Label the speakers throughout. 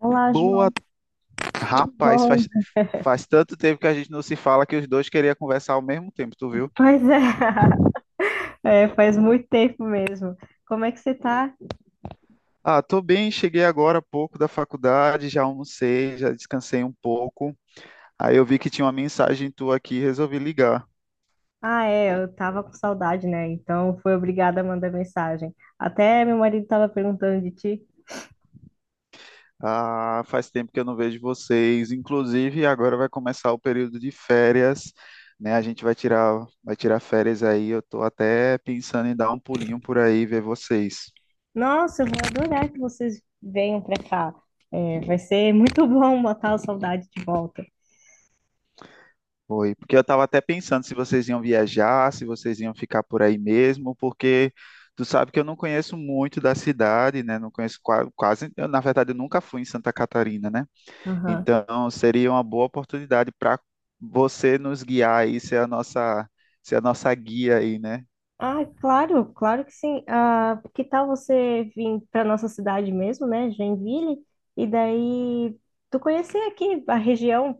Speaker 1: Olá,
Speaker 2: Boa,
Speaker 1: João.
Speaker 2: rapaz,
Speaker 1: Bom.
Speaker 2: faz tanto tempo que a gente não se fala que os dois queriam conversar ao mesmo tempo, tu viu?
Speaker 1: Pois é. É, faz muito tempo mesmo. Como é que você tá?
Speaker 2: Ah, tô bem, cheguei agora há pouco da faculdade, já almocei, já descansei um pouco. Aí eu vi que tinha uma mensagem tua aqui, e resolvi ligar.
Speaker 1: Ah, é, eu tava com saudade, né? Então fui obrigada a mandar mensagem. Até meu marido tava perguntando de ti.
Speaker 2: Ah, faz tempo que eu não vejo vocês. Inclusive, agora vai começar o período de férias, né? A gente vai tirar férias aí. Eu tô até pensando em dar um pulinho por aí, ver vocês.
Speaker 1: Nossa, eu vou adorar que vocês venham pra cá. É, vai ser muito bom matar a saudade de volta.
Speaker 2: Foi, porque eu estava até pensando se vocês iam viajar, se vocês iam ficar por aí mesmo, porque tu sabe que eu não conheço muito da cidade, né? Não conheço quase, eu, na verdade, eu nunca fui em Santa Catarina, né?
Speaker 1: Aham.
Speaker 2: Então seria uma boa oportunidade para você nos guiar aí, ser a nossa guia aí, né?
Speaker 1: Ah, claro, claro que sim. Ah, que tal você vir para nossa cidade mesmo, né, Joinville? E daí tu conhecer aqui a região.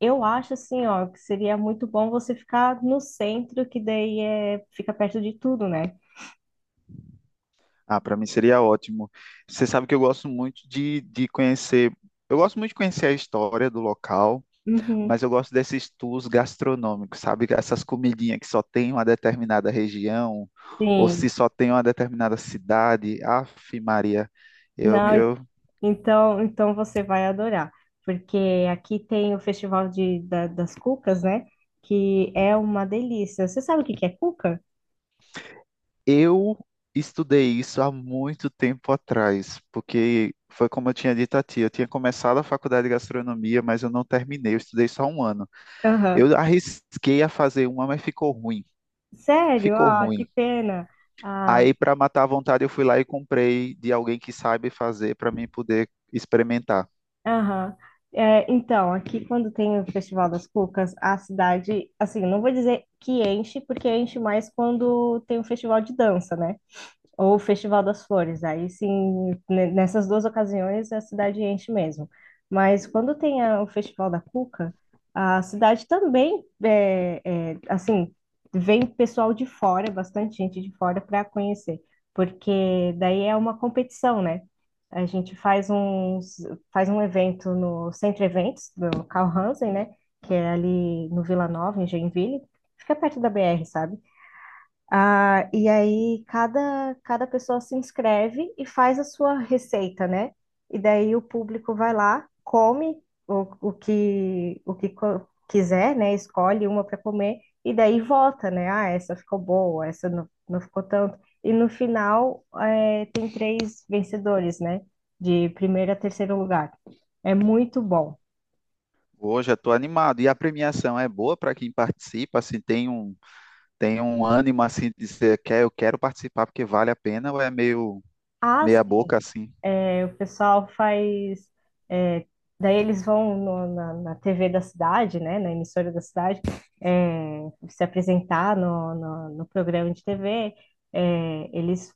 Speaker 1: Eu acho assim, ó, que seria muito bom você ficar no centro, que daí é, fica perto de tudo, né?
Speaker 2: Ah, para mim seria ótimo. Você sabe que eu gosto muito de conhecer, eu gosto muito de conhecer a história do local.
Speaker 1: Uhum.
Speaker 2: Mas eu gosto desses tours gastronômicos, sabe? Essas comidinhas que só tem uma determinada região, ou
Speaker 1: Sim.
Speaker 2: se só tem uma determinada cidade. Aff, Maria, eu,
Speaker 1: Não,
Speaker 2: eu,
Speaker 1: então, você vai adorar, porque aqui tem o Festival de, das Cucas, né? Que é uma delícia. Você sabe o que que é cuca?
Speaker 2: eu estudei isso há muito tempo atrás, porque foi como eu tinha dito a ti, eu tinha começado a faculdade de gastronomia, mas eu não terminei, eu estudei só um ano.
Speaker 1: Aham.
Speaker 2: Eu arrisquei a fazer uma, mas ficou ruim,
Speaker 1: Sério?
Speaker 2: ficou
Speaker 1: Ah, que
Speaker 2: ruim.
Speaker 1: pena. Ah,
Speaker 2: Aí, para matar a vontade, eu fui lá e comprei de alguém que sabe fazer para mim poder experimentar.
Speaker 1: aham. É, então, aqui quando tem o Festival das Cucas, a cidade, assim, não vou dizer que enche, porque enche mais quando tem o festival de dança, né? Ou o Festival das Flores. Aí sim, nessas duas ocasiões a cidade enche mesmo. Mas quando tem o Festival da Cuca, a cidade também assim, vem pessoal de fora, bastante gente de fora para conhecer, porque daí é uma competição, né? A gente faz um evento no Centro Eventos do Carl Hansen, né? Que é ali no Vila Nova, em Joinville. Fica perto da BR, sabe? Ah, e aí cada pessoa se inscreve e faz a sua receita, né? E daí o público vai lá, come o que quiser, né? Escolhe uma para comer e daí vota, né? Ah, essa ficou boa, essa não, não ficou tanto. E no final é, tem três vencedores, né? De primeiro a terceiro lugar. É muito bom.
Speaker 2: Hoje eu estou animado. E a premiação é boa para quem participa, assim, tem um ânimo assim de dizer, quer, eu quero participar porque vale a pena, ou é meio
Speaker 1: As.
Speaker 2: meia boca assim.
Speaker 1: O pessoal faz. É, daí eles vão na TV da cidade, né? Na emissora da cidade, é, se apresentar no programa de TV. É, eles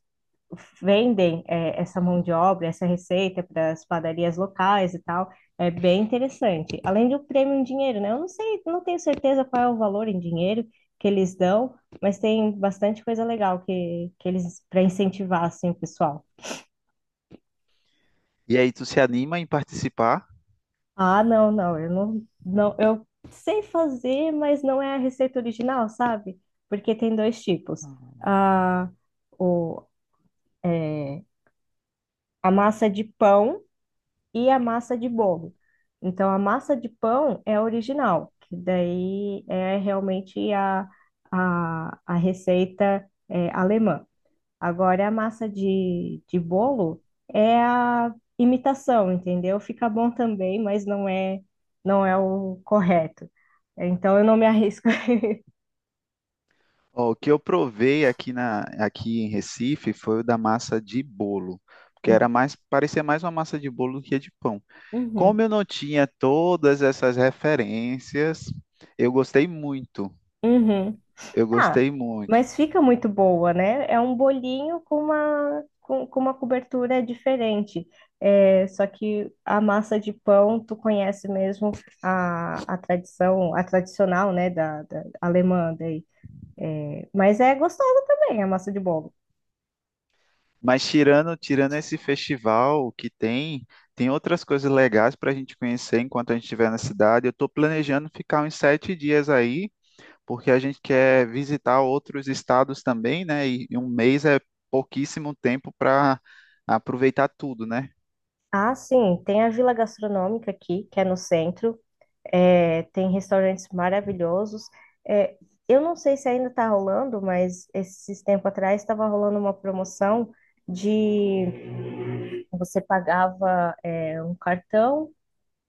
Speaker 1: vendem, é, essa mão de obra, essa receita para as padarias locais e tal. É bem interessante. Além do prêmio em dinheiro, né? Eu não sei, não tenho certeza qual é o valor em dinheiro que eles dão, mas tem bastante coisa legal que eles para incentivar assim, o pessoal.
Speaker 2: E aí tu se anima em participar?
Speaker 1: Ah, não, não, eu sei fazer, mas não é a receita original, sabe? Porque tem dois tipos. A, o, é, a massa de pão e a massa de bolo. Então, a massa de pão é a original, que daí é realmente a receita é alemã. Agora, a massa de bolo é a imitação, entendeu? Fica bom também, mas não é o correto. Então, eu não me arrisco.
Speaker 2: Ó, o que eu provei aqui em Recife foi o da massa de bolo, porque era mais parecia mais uma massa de bolo do que de pão.
Speaker 1: Uhum, uhum.
Speaker 2: Como eu não tinha todas essas referências, eu gostei muito.
Speaker 1: Uhum.
Speaker 2: Eu
Speaker 1: Ah,
Speaker 2: gostei muito.
Speaker 1: mas fica muito boa, né? É um bolinho com com uma cobertura diferente. É, só que a massa de pão, tu conhece mesmo a tradição, a tradicional, né, da, da alemã daí. Mas é gostosa também a massa de bolo.
Speaker 2: Mas tirando esse festival que tem, tem outras coisas legais para a gente conhecer enquanto a gente estiver na cidade. Eu estou planejando ficar uns 7 dias aí, porque a gente quer visitar outros estados também, né? E um mês é pouquíssimo tempo para aproveitar tudo, né?
Speaker 1: Ah, sim, tem a Vila Gastronômica aqui, que é no centro, é, tem restaurantes maravilhosos. É, eu não sei se ainda está rolando, mas esses tempo atrás estava rolando uma promoção de você pagava, é, um cartão.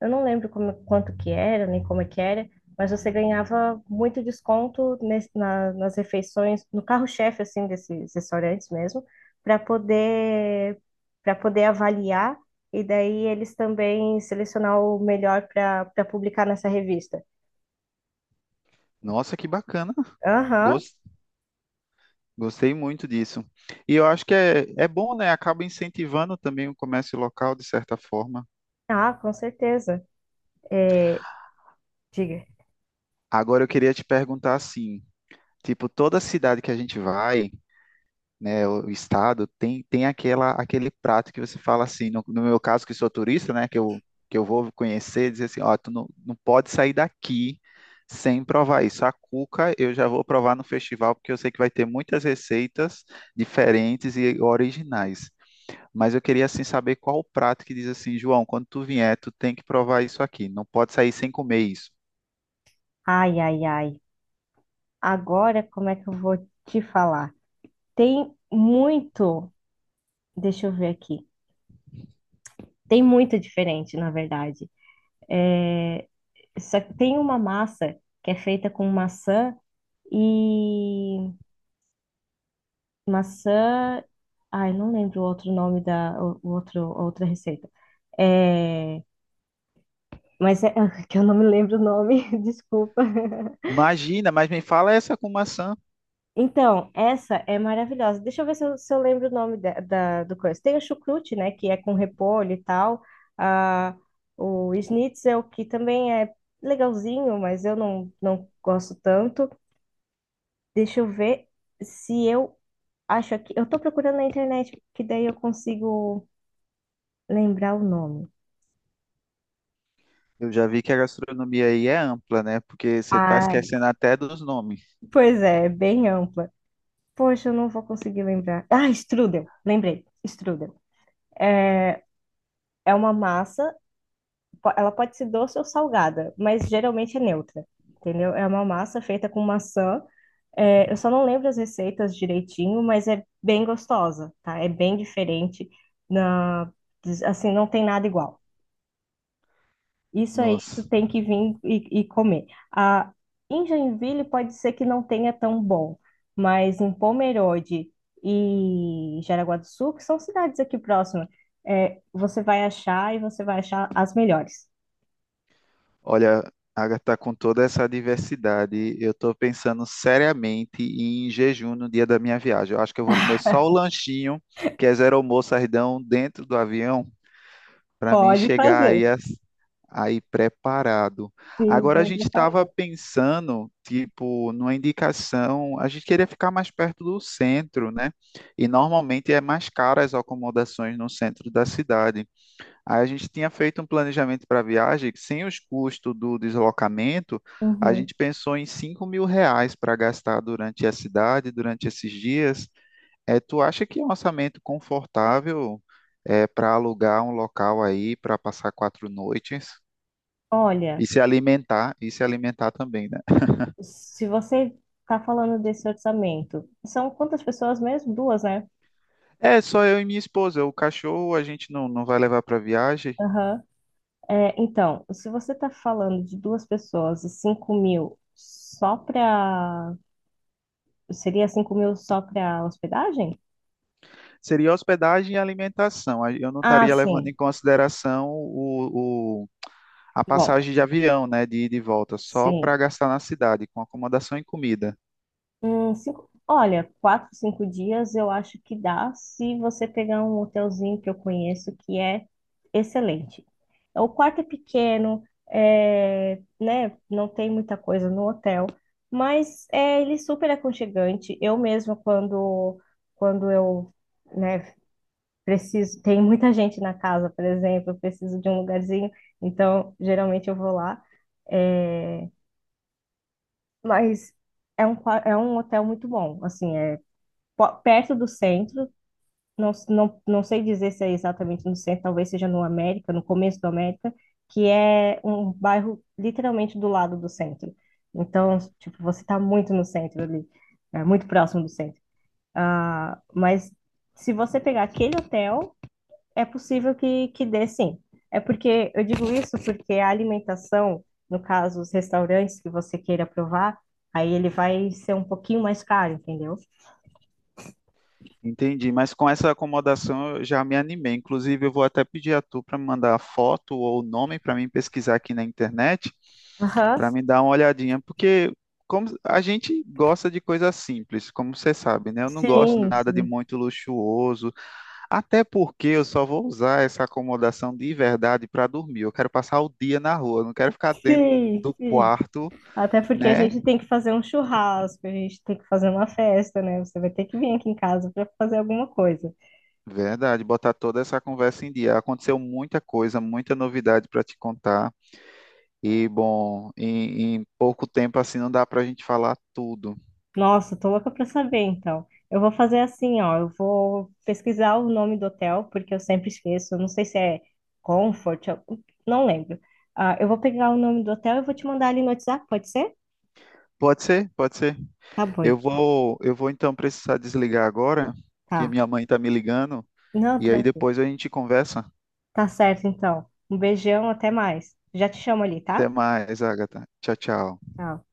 Speaker 1: Eu não lembro como, quanto que era, nem como é que era, mas você ganhava muito desconto nas refeições, no carro-chefe, assim, desses restaurantes mesmo, para poder, para poder avaliar e daí eles também selecionar o melhor para publicar nessa revista.
Speaker 2: Nossa, que bacana!
Speaker 1: Aham.
Speaker 2: Gos- Gostei muito disso. E eu acho que é, é bom, né? Acaba incentivando também o comércio local, de certa forma.
Speaker 1: Ah, com certeza. É, diga.
Speaker 2: Agora eu queria te perguntar assim, tipo, toda cidade que a gente vai. Né, o estado, tem aquela, aquele prato que você fala assim, no meu caso que sou turista, né, que eu vou conhecer, dizer assim, ó, tu não, não pode sair daqui sem provar isso. A cuca eu já vou provar no festival, porque eu sei que vai ter muitas receitas diferentes e originais. Mas eu queria assim saber qual o prato que diz assim, João, quando tu vier, tu tem que provar isso aqui, não pode sair sem comer isso.
Speaker 1: Ai, ai, ai. Agora, como é que eu vou te falar? Tem muito, deixa eu ver aqui. Tem muito diferente, na verdade. É, só que tem uma massa que é feita com maçã e maçã. Ai, não lembro o outro nome da o outro, a outra receita. É, mas é que eu não me lembro o nome, desculpa.
Speaker 2: Imagina, mas me fala essa com maçã.
Speaker 1: Então, essa é maravilhosa. Deixa eu ver se eu lembro o nome da, do coisa. Tem o chucrute, né, que é com repolho e tal. Ah, o schnitzel, que também é legalzinho, mas eu não, não gosto tanto. Deixa eu ver se eu acho aqui. Eu tô procurando na internet, porque daí eu consigo lembrar o nome.
Speaker 2: Eu já vi que a gastronomia aí é ampla, né? Porque você está
Speaker 1: Ai,
Speaker 2: esquecendo até dos nomes.
Speaker 1: pois é, é bem ampla. Poxa, eu não vou conseguir lembrar. Ah, strudel, lembrei. Strudel. É É uma massa, ela pode ser doce ou salgada, mas geralmente é neutra, entendeu? É uma massa feita com maçã. É, eu só não lembro as receitas direitinho, mas é bem gostosa, tá? É bem diferente. Na, assim, não tem nada igual. Isso aí tu
Speaker 2: Nossa,
Speaker 1: tem que vir e comer. Ah, em Joinville pode ser que não tenha tão bom, mas em Pomerode e Jaraguá do Sul, que são cidades aqui próximas, é, você vai achar as melhores.
Speaker 2: olha, Agatha, tá com toda essa diversidade, eu estou pensando seriamente em jejum no dia da minha viagem. Eu acho que eu vou comer só o lanchinho, que é zero almoço, sardão, dentro do avião. Para mim
Speaker 1: Pode
Speaker 2: chegar
Speaker 1: fazer,
Speaker 2: aí, aí preparado.
Speaker 1: se
Speaker 2: Agora a
Speaker 1: bem
Speaker 2: gente estava
Speaker 1: preparado.
Speaker 2: pensando, tipo, numa indicação, a gente queria ficar mais perto do centro, né? E normalmente é mais caro as acomodações no centro da cidade. Aí a gente tinha feito um planejamento para a viagem que sem os custos do deslocamento, a
Speaker 1: Uhum.
Speaker 2: gente pensou em R$ 5.000 para gastar durante a cidade, durante esses dias. É, tu acha que é um orçamento confortável é, para alugar um local aí para passar 4 noites e
Speaker 1: Olha,
Speaker 2: se alimentar também, né?
Speaker 1: se você está falando desse orçamento, são quantas pessoas mesmo? Duas, né?
Speaker 2: É só eu e minha esposa. O cachorro a gente não, não vai levar para viagem.
Speaker 1: Aham. É, então, se você está falando de duas pessoas e 5 mil só para. Seria 5 mil só para hospedagem?
Speaker 2: Seria hospedagem e alimentação. Aí eu não
Speaker 1: Ah,
Speaker 2: estaria levando em
Speaker 1: sim.
Speaker 2: consideração a
Speaker 1: Bom,
Speaker 2: passagem de avião, né, de ida e volta, só para
Speaker 1: sim.
Speaker 2: gastar na cidade com acomodação e comida.
Speaker 1: Cinco... Olha, quatro, cinco dias eu acho que dá se você pegar um hotelzinho que eu conheço que é excelente. O quarto é pequeno, é, né? Não tem muita coisa no hotel, mas é, ele é super aconchegante. Eu mesma, quando eu, né, preciso, tem muita gente na casa, por exemplo, eu preciso de um lugarzinho, então geralmente eu vou lá. É, mas é um, é um hotel muito bom, assim, é perto do centro, não, não, não sei dizer se é exatamente no centro, talvez seja no América, no começo do América, que é um bairro literalmente do lado do centro. Então, tipo, você está muito no centro ali, é muito próximo do centro. Ah, mas se você pegar aquele hotel é possível que dê, sim. É porque eu digo isso porque a alimentação, no caso, os restaurantes que você queira provar, aí ele vai ser um pouquinho mais caro, entendeu?
Speaker 2: Entendi, mas com essa acomodação eu já me animei. Inclusive, eu vou até pedir a tu para me mandar a foto ou o nome para mim pesquisar aqui na internet,
Speaker 1: Aham.
Speaker 2: para me dar uma olhadinha, porque como a gente gosta de coisa simples, como você sabe, né? Eu não gosto de
Speaker 1: Sim,
Speaker 2: nada de
Speaker 1: sim,
Speaker 2: muito luxuoso, até porque eu só vou usar essa acomodação de verdade para dormir. Eu quero passar o dia na rua, eu não quero ficar dentro
Speaker 1: sim,
Speaker 2: do
Speaker 1: sim.
Speaker 2: quarto,
Speaker 1: Até porque a
Speaker 2: né?
Speaker 1: gente tem que fazer um churrasco, a gente tem que fazer uma festa, né? Você vai ter que vir aqui em casa para fazer alguma coisa.
Speaker 2: Verdade, botar toda essa conversa em dia. Aconteceu muita coisa, muita novidade para te contar. E, bom, em pouco tempo assim não dá para a gente falar tudo.
Speaker 1: Nossa, tô louca pra saber, então. Eu vou fazer assim, ó, eu vou pesquisar o nome do hotel, porque eu sempre esqueço, eu não sei se é Comfort, eu não lembro. Ah, eu vou pegar o nome do hotel e vou te mandar ali no WhatsApp, pode ser?
Speaker 2: Pode ser, pode ser.
Speaker 1: Tá bom, então.
Speaker 2: Eu vou então precisar desligar agora, porque
Speaker 1: Tá.
Speaker 2: minha mãe está me ligando,
Speaker 1: Não,
Speaker 2: e aí
Speaker 1: tranquilo.
Speaker 2: depois a gente conversa.
Speaker 1: Tá certo, então. Um beijão, até mais. Já te chamo ali,
Speaker 2: Até
Speaker 1: tá?
Speaker 2: mais, Agatha. Tchau, tchau.
Speaker 1: Tchau.